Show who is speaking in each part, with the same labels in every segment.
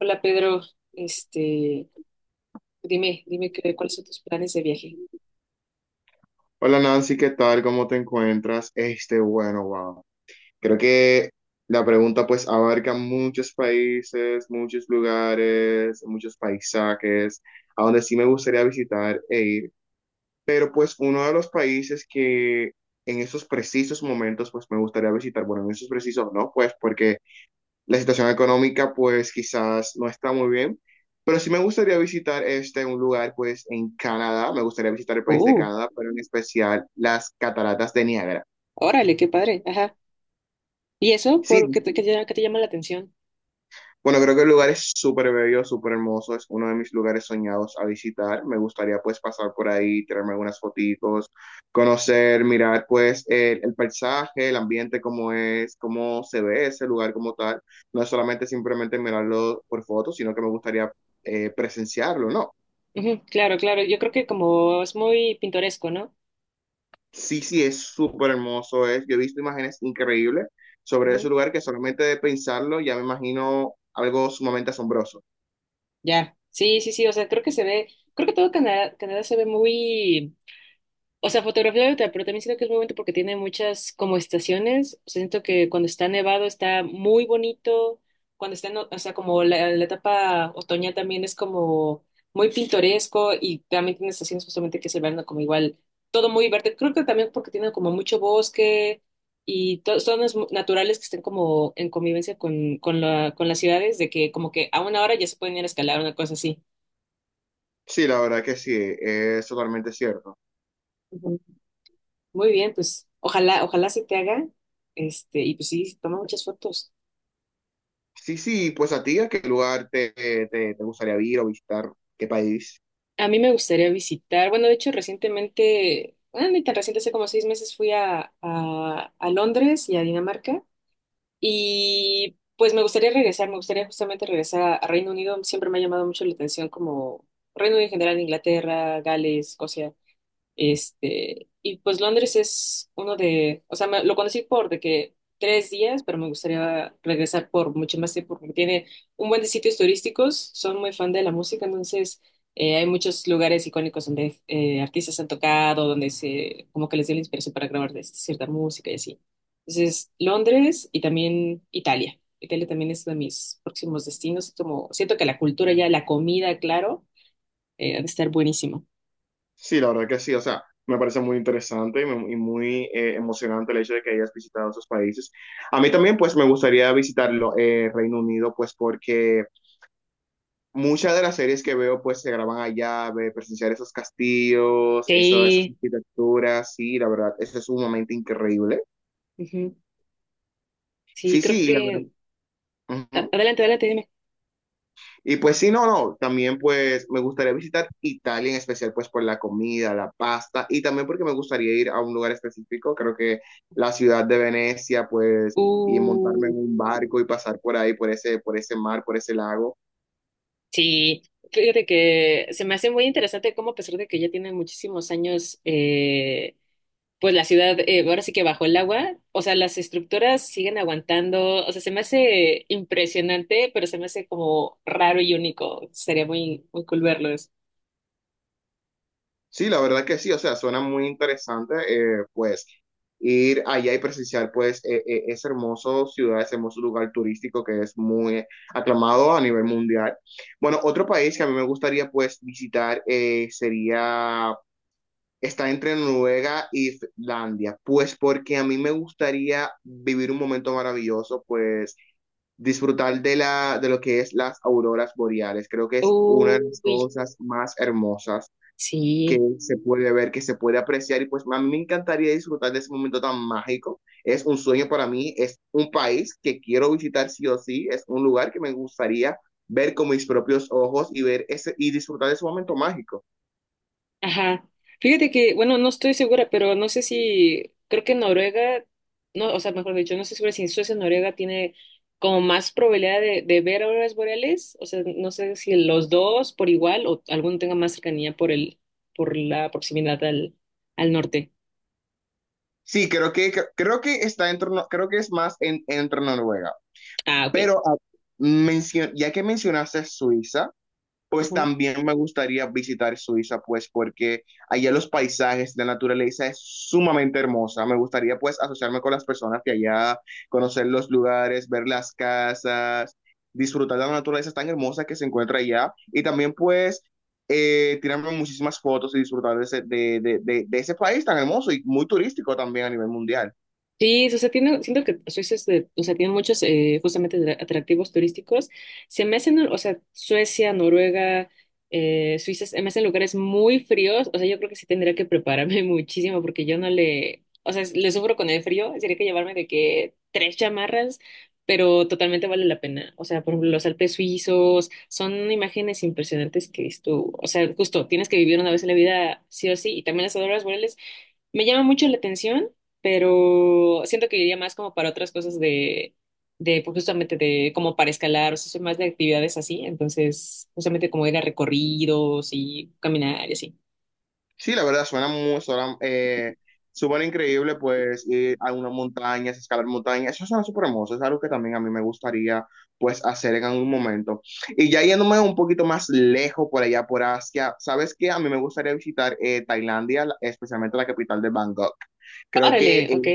Speaker 1: Hola Pedro, este, dime cuáles son tus planes de viaje.
Speaker 2: Hola Nancy, ¿qué tal? ¿Cómo te encuentras? Bueno, wow. Creo que la pregunta pues abarca muchos países, muchos lugares, muchos paisajes, a donde sí me gustaría visitar e ir. Pero pues uno de los países que en esos precisos momentos pues me gustaría visitar, bueno, en esos precisos no, pues porque la situación económica pues quizás no está muy bien, pero sí me gustaría visitar un lugar pues en Canadá, me gustaría visitar el país de
Speaker 1: Uh,
Speaker 2: Canadá, pero en especial las cataratas de Niágara.
Speaker 1: Órale, qué padre, ajá. ¿Y eso?
Speaker 2: Sí,
Speaker 1: ¿Por qué qué te llama la atención?
Speaker 2: bueno, creo que el lugar es súper bello, súper hermoso, es uno de mis lugares soñados a visitar. Me gustaría pues pasar por ahí, tirarme algunas fotitos, conocer, mirar pues el paisaje, el ambiente, cómo es, cómo se ve ese lugar como tal. No es solamente simplemente mirarlo por fotos, sino que me gustaría presenciarlo, ¿no?
Speaker 1: Ujú, claro, claro, yo creo que como es muy pintoresco, ¿no?
Speaker 2: Sí, sí, es súper hermoso, yo he visto imágenes increíbles sobre ese
Speaker 1: Ujú.
Speaker 2: lugar que solamente de pensarlo ya me imagino algo sumamente asombroso.
Speaker 1: Ya, sí, sí, sí, o sea, creo que se ve, creo que todo Canadá, Canadá se ve muy. O sea, fotografía de otra, pero también siento que es muy bonito porque tiene muchas como estaciones. O sea, siento que cuando está nevado está muy bonito. Cuando está, en o sea, como la etapa otoñal también es como muy pintoresco, y también tiene estaciones justamente que es el verano como igual, todo muy verde. Creo que también porque tiene como mucho bosque y zonas naturales que estén como en convivencia con las ciudades, de que como que a una hora ya se pueden ir a escalar, una cosa así.
Speaker 2: Sí, la verdad que sí, es totalmente cierto.
Speaker 1: Muy bien, pues ojalá, ojalá se te haga. Y pues sí, toma muchas fotos.
Speaker 2: Sí, sí, pues a ti, ¿a qué lugar te gustaría ir o visitar? ¿Qué país?
Speaker 1: A mí me gustaría visitar, bueno, de hecho recientemente, bueno, ni tan reciente, hace como 6 meses fui a Londres y a Dinamarca, y pues me gustaría regresar, me gustaría justamente regresar a Reino Unido. Siempre me ha llamado mucho la atención como Reino Unido en general, Inglaterra, Gales, Escocia. Y pues Londres es uno de, o sea, lo conocí por de que 3 días, pero me gustaría regresar por mucho más tiempo porque tiene un buen de sitios turísticos, son muy fan de la música. Entonces hay muchos lugares icónicos donde, artistas han tocado, donde como que les dio la inspiración para grabar, cierta música y así. Entonces, Londres y también Italia. Italia también es uno de mis próximos destinos, como siento que la cultura ya, la comida, claro, ha de estar buenísimo.
Speaker 2: Sí, la verdad que sí, o sea, me parece muy interesante y y muy emocionante el hecho de que hayas visitado esos países. A mí también, pues, me gustaría visitarlo, Reino Unido, pues, porque muchas de las series que veo, pues, se graban allá, presenciar esos castillos, eso, esas
Speaker 1: Sí.
Speaker 2: arquitecturas, sí, la verdad, eso es sumamente increíble.
Speaker 1: Ujú. Sí,
Speaker 2: Sí,
Speaker 1: creo
Speaker 2: sí, la verdad.
Speaker 1: que.
Speaker 2: Ujú.
Speaker 1: Adelante, adelante, dime.
Speaker 2: Y pues sí, no, no, también pues me gustaría visitar Italia en especial pues por la comida, la pasta y también porque me gustaría ir a un lugar específico, creo que la ciudad de Venecia pues y montarme
Speaker 1: Uh,
Speaker 2: en un barco y pasar por ahí, por ese mar, por ese lago.
Speaker 1: sí, fíjate que se me hace muy interesante cómo a pesar de que ya tiene muchísimos años, pues la ciudad, ahora sí que bajo el agua, o sea, las estructuras siguen aguantando, o sea, se me hace impresionante, pero se me hace como raro y único. Sería muy, muy cool verlos.
Speaker 2: Sí, la verdad que sí, o sea, suena muy interesante pues ir allá y presenciar pues ese hermoso ciudad, ese hermoso lugar turístico que es muy aclamado a nivel mundial. Bueno, otro país que a mí me gustaría pues visitar sería ¿está entre Noruega y Finlandia? Pues porque a mí me gustaría vivir un momento maravilloso, pues disfrutar de de lo que es las auroras boreales. Creo que es una de las
Speaker 1: Uy,
Speaker 2: cosas más hermosas que
Speaker 1: sí.
Speaker 2: se puede ver, que se puede apreciar y pues a mí me encantaría disfrutar de ese momento tan mágico. Es un sueño para mí, es un país que quiero visitar sí o sí, es un lugar que me gustaría ver con mis propios ojos y ver ese y disfrutar de ese momento mágico.
Speaker 1: Ajá. Fíjate que, bueno, no estoy segura, pero no sé si, creo que Noruega, no, o sea, mejor dicho, no estoy segura si Suecia o Noruega tiene como más probabilidad de ver auroras boreales, o sea, no sé si los dos por igual o alguno tenga más cercanía por la proximidad al norte.
Speaker 2: Sí, creo que está dentro, creo que es más entre Noruega.
Speaker 1: Ah, ok.
Speaker 2: Pero ya que mencionaste Suiza, pues también me gustaría visitar Suiza, pues porque allá los paisajes, la naturaleza es sumamente hermosa. Me gustaría pues asociarme con las personas que allá, conocer los lugares, ver las casas, disfrutar de la naturaleza tan hermosa que se encuentra allá y también pues tirarme muchísimas fotos y disfrutar de ese, de ese país tan hermoso y muy turístico también a nivel mundial.
Speaker 1: Sí, o sea, tiene, siento que Suecia es, o sea, tiene muchos, justamente, atractivos turísticos. Se me hacen, o sea, Suecia, Noruega, Suiza, se me hacen lugares muy fríos. O sea, yo creo que sí tendría que prepararme muchísimo porque yo no le, o sea, le sufro con el frío. Tendría que llevarme de que tres chamarras, pero totalmente vale la pena. O sea, por ejemplo, los Alpes suizos son imágenes impresionantes que es tú, o sea, justo tienes que vivir una vez en la vida sí o sí. Y también las auroras boreales me llama mucho la atención, pero siento que iría más como para otras cosas de pues, justamente de como para escalar, o sea, soy más de actividades así, entonces justamente como ir a recorridos y caminar y así.
Speaker 2: Sí, la verdad suena muy, suena, súper increíble, pues ir a unas montañas, escalar montañas, eso suena súper hermoso, es algo que también a mí me gustaría pues hacer en algún momento. Y ya yéndome un poquito más lejos por allá, por Asia, ¿sabes qué? A mí me gustaría visitar Tailandia, especialmente la capital de Bangkok. Creo que
Speaker 1: Órale, ok,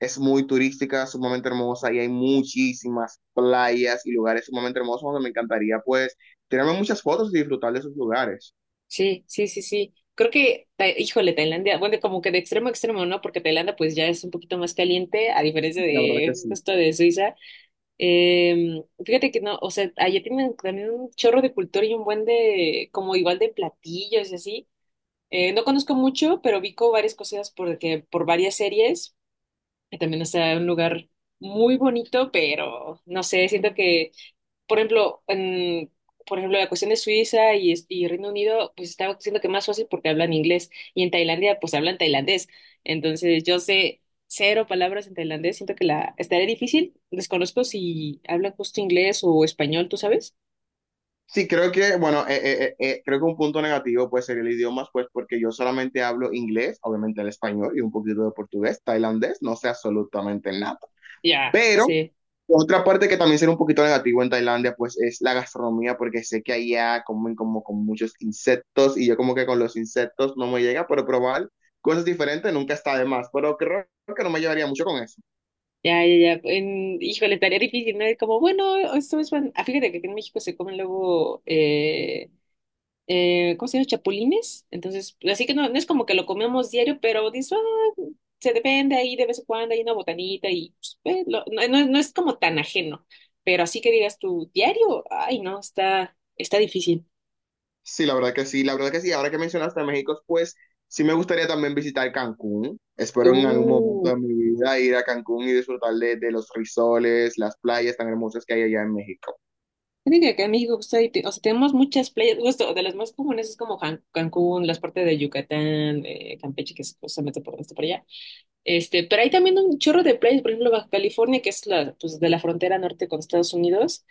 Speaker 2: es muy turística, sumamente hermosa y hay muchísimas playas y lugares sumamente hermosos donde me encantaría pues tirarme muchas fotos y disfrutar de esos lugares.
Speaker 1: sí, sí, sí, sí. Creo que, híjole, Tailandia, bueno, como que de extremo a extremo, ¿no? Porque Tailandia pues ya es un poquito más caliente, a diferencia
Speaker 2: La verdad que
Speaker 1: de
Speaker 2: sí.
Speaker 1: justo de Suiza. Fíjate que no, o sea, allá tienen también un chorro de cultura y un buen de, como igual de platillos y así. No conozco mucho, pero vi como varias cosas porque, por varias series, que también está un lugar muy bonito, pero no sé, siento que por ejemplo, por ejemplo, la cuestión de Suiza y Reino Unido, pues estaba diciendo que más fácil porque hablan inglés, y en Tailandia, pues hablan tailandés. Entonces, yo sé cero palabras en tailandés, siento que la estaría difícil. Desconozco si hablan justo inglés o español, ¿tú sabes?
Speaker 2: Sí, bueno, creo que un punto negativo puede ser el idioma, pues porque yo solamente hablo inglés, obviamente el español y un poquito de portugués, tailandés, no sé absolutamente nada.
Speaker 1: Ya,
Speaker 2: Pero
Speaker 1: sí.
Speaker 2: otra parte que también será un poquito negativo en Tailandia, pues es la gastronomía, porque sé que allá comen como con muchos insectos y yo como que con los insectos no me llega, pero probar cosas diferentes nunca está de más, pero creo que no me llevaría mucho con eso.
Speaker 1: Ya, ya, ya. Híjole, estaría difícil, ¿no? Y como, bueno, esto es. Ah, fíjate que aquí en México se comen luego. ¿Cómo se llama? Chapulines. Entonces, así que no, no es como que lo comemos diario, pero dices, "Ah, se depende ahí de vez en cuando, hay una botanita y pues, ve, no es como tan ajeno, pero así que digas tu diario, ay no, está difícil".
Speaker 2: Sí, la verdad que sí, la verdad que sí. Ahora que mencionaste a México, pues sí me gustaría también visitar Cancún. Espero en algún momento
Speaker 1: Uh,
Speaker 2: de mi vida ir a Cancún y disfrutar de los risoles, las playas tan hermosas que hay allá en México.
Speaker 1: Creo que acá en México, justo ahí, o sea, tenemos muchas playas, justo de las más comunes es como, Cancún, las partes de Yucatán, Campeche, que es justamente está por allá. Pero hay también un chorro de playas, por ejemplo, Baja California, que es la, pues, de la frontera norte con Estados Unidos.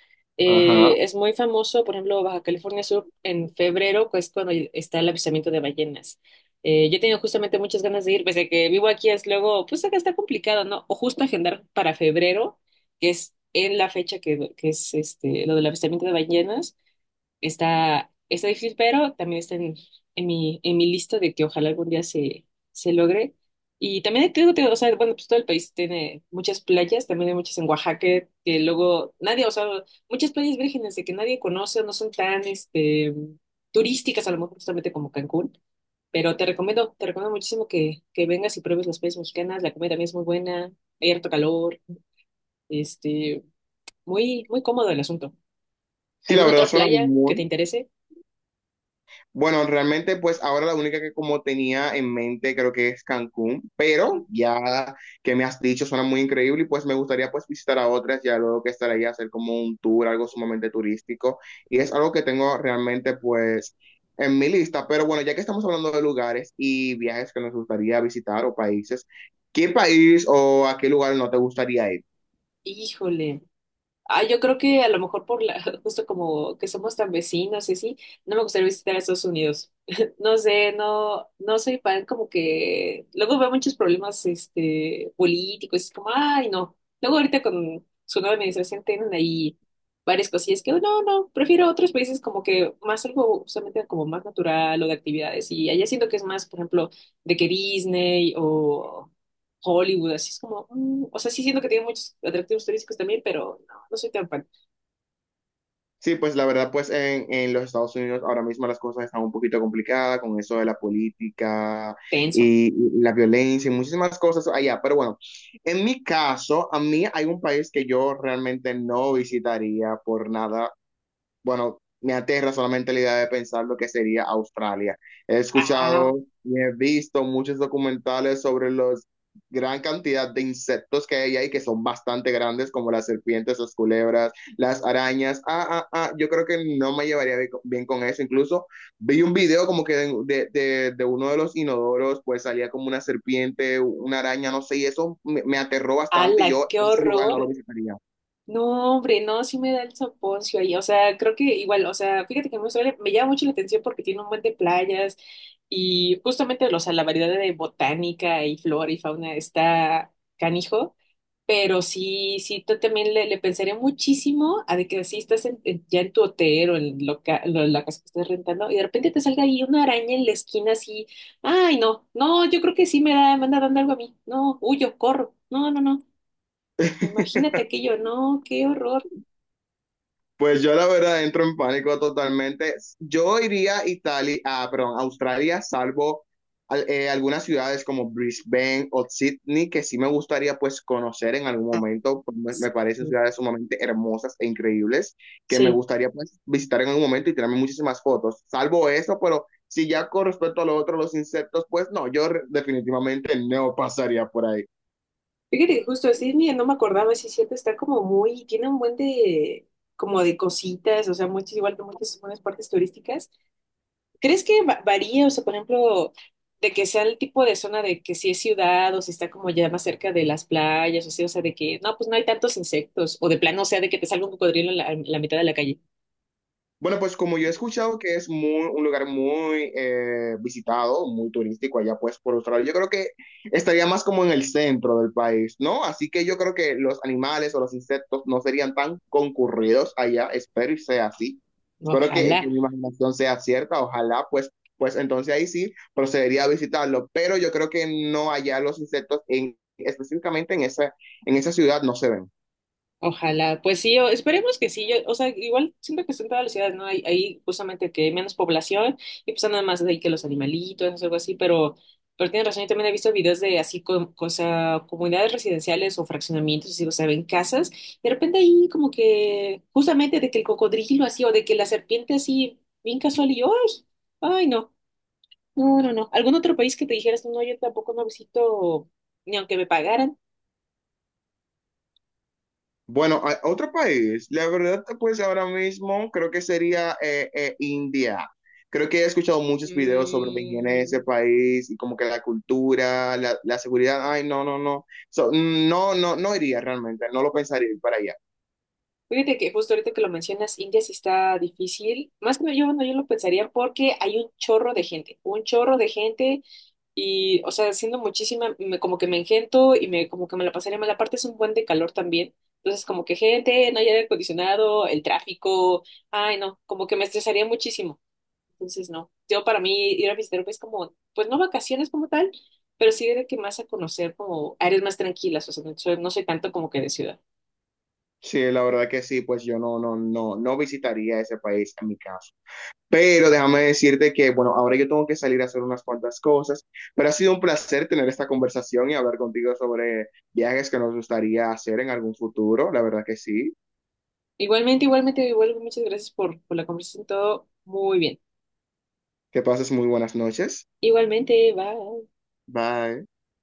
Speaker 2: Ajá.
Speaker 1: Es muy famoso, por ejemplo, Baja California Sur en febrero, que es cuando está el avistamiento de ballenas. Yo he tenido justamente muchas ganas de ir, pese a que vivo aquí, es luego, pues acá está complicado, ¿no? O justo agendar para febrero, que es en la fecha que es, lo del avistamiento de ballenas está difícil, pero también está en mi lista de que ojalá algún día se logre. Y también te digo, o sea, bueno, pues todo el país tiene muchas playas. También hay muchas en Oaxaca que luego nadie, o sea, muchas playas vírgenes de que nadie conoce, no son tan, turísticas, a lo mejor justamente como Cancún. Pero te recomiendo muchísimo que vengas y pruebes las playas mexicanas, la comida también es muy buena, hay harto calor. este, Muy, muy cómodo el asunto.
Speaker 2: Sí, la
Speaker 1: ¿Alguna
Speaker 2: verdad
Speaker 1: otra
Speaker 2: suena
Speaker 1: playa que te
Speaker 2: muy,
Speaker 1: interese?
Speaker 2: bueno, realmente pues ahora la única que como tenía en mente creo que es Cancún,
Speaker 1: Ujú.
Speaker 2: pero ya que me has dicho suena muy increíble y pues me gustaría pues visitar a otras ya luego que estaré ahí a hacer como un tour, algo sumamente turístico y es algo que tengo realmente pues en mi lista, pero bueno, ya que estamos hablando de lugares y viajes que nos gustaría visitar o países, ¿qué país o a qué lugar no te gustaría ir?
Speaker 1: Híjole. Ah, yo creo que a lo mejor justo como que somos tan vecinos y así, no me gustaría visitar a Estados Unidos. No sé, no, no soy fan, como que luego veo muchos problemas, políticos, es como, ay no. Luego ahorita con su nueva administración tienen ahí varias cosillas que, "Oh, no, no, prefiero otros países", como que más algo justamente como más natural o de actividades. Y allá siento que es más, por ejemplo, de que Disney o Hollywood, así es como. O sea, sí siento que tiene muchos atractivos turísticos también, pero no, no soy tan fan.
Speaker 2: Sí, pues la verdad, pues en los Estados Unidos ahora mismo las cosas están un poquito complicadas con eso de la política
Speaker 1: Tenso.
Speaker 2: y la violencia y muchísimas cosas allá. Pero bueno, en mi caso, a mí hay un país que yo realmente no visitaría por nada, bueno, me aterra solamente la idea de pensar lo que sería Australia. He
Speaker 1: Ah,
Speaker 2: escuchado y he visto muchos documentales sobre los gran cantidad de insectos que hay ahí que son bastante grandes, como las serpientes, las culebras, las arañas. Ah, ah, ah, yo creo que no me llevaría bien con eso. Incluso vi un video como que de uno de los inodoros, pues salía como una serpiente, una araña, no sé, y eso me aterró bastante y
Speaker 1: ala,
Speaker 2: yo
Speaker 1: qué
Speaker 2: ese lugar no lo
Speaker 1: horror.
Speaker 2: visitaría.
Speaker 1: No, hombre, no, sí me da el soponcio ahí. O sea, creo que igual, o sea, fíjate que me llama mucho la atención porque tiene un buen de playas, y justamente, o sea, la variedad de botánica y flora y fauna está canijo. Pero sí, sí, tú también le pensaría muchísimo a de que si estás, ya en tu hotel o en, la casa que estés rentando, y de repente te salga ahí una araña en la esquina así. Ay, no, no, yo creo que sí me da, me anda dando algo a mí, no, huyo, corro, no, no, no, imagínate aquello, no, qué horror.
Speaker 2: Pues yo la verdad entro en pánico totalmente. Yo iría a Italia, ah, perdón, a Australia, salvo algunas ciudades como Brisbane o Sydney, que sí me gustaría pues conocer en algún
Speaker 1: Ah,
Speaker 2: momento. Pues, me
Speaker 1: sí,
Speaker 2: parecen ciudades sumamente hermosas e increíbles que me
Speaker 1: sí.
Speaker 2: gustaría pues visitar en algún momento y tirarme muchísimas fotos. Salvo eso, pero si ya con respecto a lo otro, los insectos, pues no, definitivamente no pasaría por ahí.
Speaker 1: Fíjate que justo así, mira, no me acordaba, sí, cierto, está como muy, tiene un buen de, como de cositas, o sea, muchas, igual que muchas buenas partes turísticas. ¿Crees que varía? O sea, por ejemplo, de que sea el tipo de zona, de que si es ciudad o si está como ya más cerca de las playas, o sea, de que no, pues no hay tantos insectos, o de plano, o sea, de que te salga un cocodrilo en la mitad de la calle.
Speaker 2: Bueno, pues como yo he escuchado que es muy, un lugar muy visitado, muy turístico allá pues por Australia, yo creo que estaría más como en el centro del país, ¿no? Así que yo creo que los animales o los insectos no serían tan concurridos allá, espero y sea así.
Speaker 1: No,
Speaker 2: Espero
Speaker 1: ojalá.
Speaker 2: que mi imaginación sea cierta, ojalá pues, pues entonces ahí sí procedería a visitarlo, pero yo creo que no allá los insectos específicamente en esa ciudad no se ven.
Speaker 1: Ojalá, pues sí, esperemos que sí, yo, o sea, igual siento que son todas las ciudades, ¿no? Hay justamente que hay menos población y pues nada más de ahí que los animalitos, algo así, pero tienes razón. Yo también he visto videos de así, o sea, comunidades residenciales o fraccionamientos, así, o sea, ven casas, y de repente ahí como que, justamente de que el cocodrilo así, o de que la serpiente así, bien casual, y yo, ay, ay, no, no, no, no, algún otro país que te dijeras, no, yo tampoco no visito, ni aunque me pagaran.
Speaker 2: Bueno, otro país, la verdad, pues ahora mismo creo que sería India. Creo que he escuchado muchos videos sobre la higiene de ese
Speaker 1: Mm,
Speaker 2: país y como que la cultura, la seguridad. Ay, no, no, no. So, no, no, no iría realmente, no lo pensaría ir para allá.
Speaker 1: Fíjate que justo ahorita que lo mencionas, India sí está difícil. Más que yo, bueno, yo lo pensaría porque hay un chorro de gente, un chorro de gente, y, o sea, siendo muchísima, como que me engento y me como que me la pasaría mal. Aparte es un buen de calor también. Entonces, como que gente, no hay aire acondicionado, el tráfico, ay, no, como que me estresaría muchísimo. Entonces, no. Yo para mí ir a visitar es como, pues no vacaciones como tal, pero sí de que más a conocer como áreas más tranquilas, o sea, no soy tanto como que de ciudad.
Speaker 2: Sí, la verdad que sí, pues yo no, no, no, no visitaría ese país en mi caso. Pero déjame decirte que, bueno, ahora yo tengo que salir a hacer unas cuantas cosas, pero ha sido un placer tener esta conversación y hablar contigo sobre viajes que nos gustaría hacer en algún futuro. La verdad que sí.
Speaker 1: Igualmente, igualmente, igual, muchas gracias por la conversación, todo muy bien.
Speaker 2: Que pases muy buenas noches.
Speaker 1: Igualmente, bye.
Speaker 2: Bye.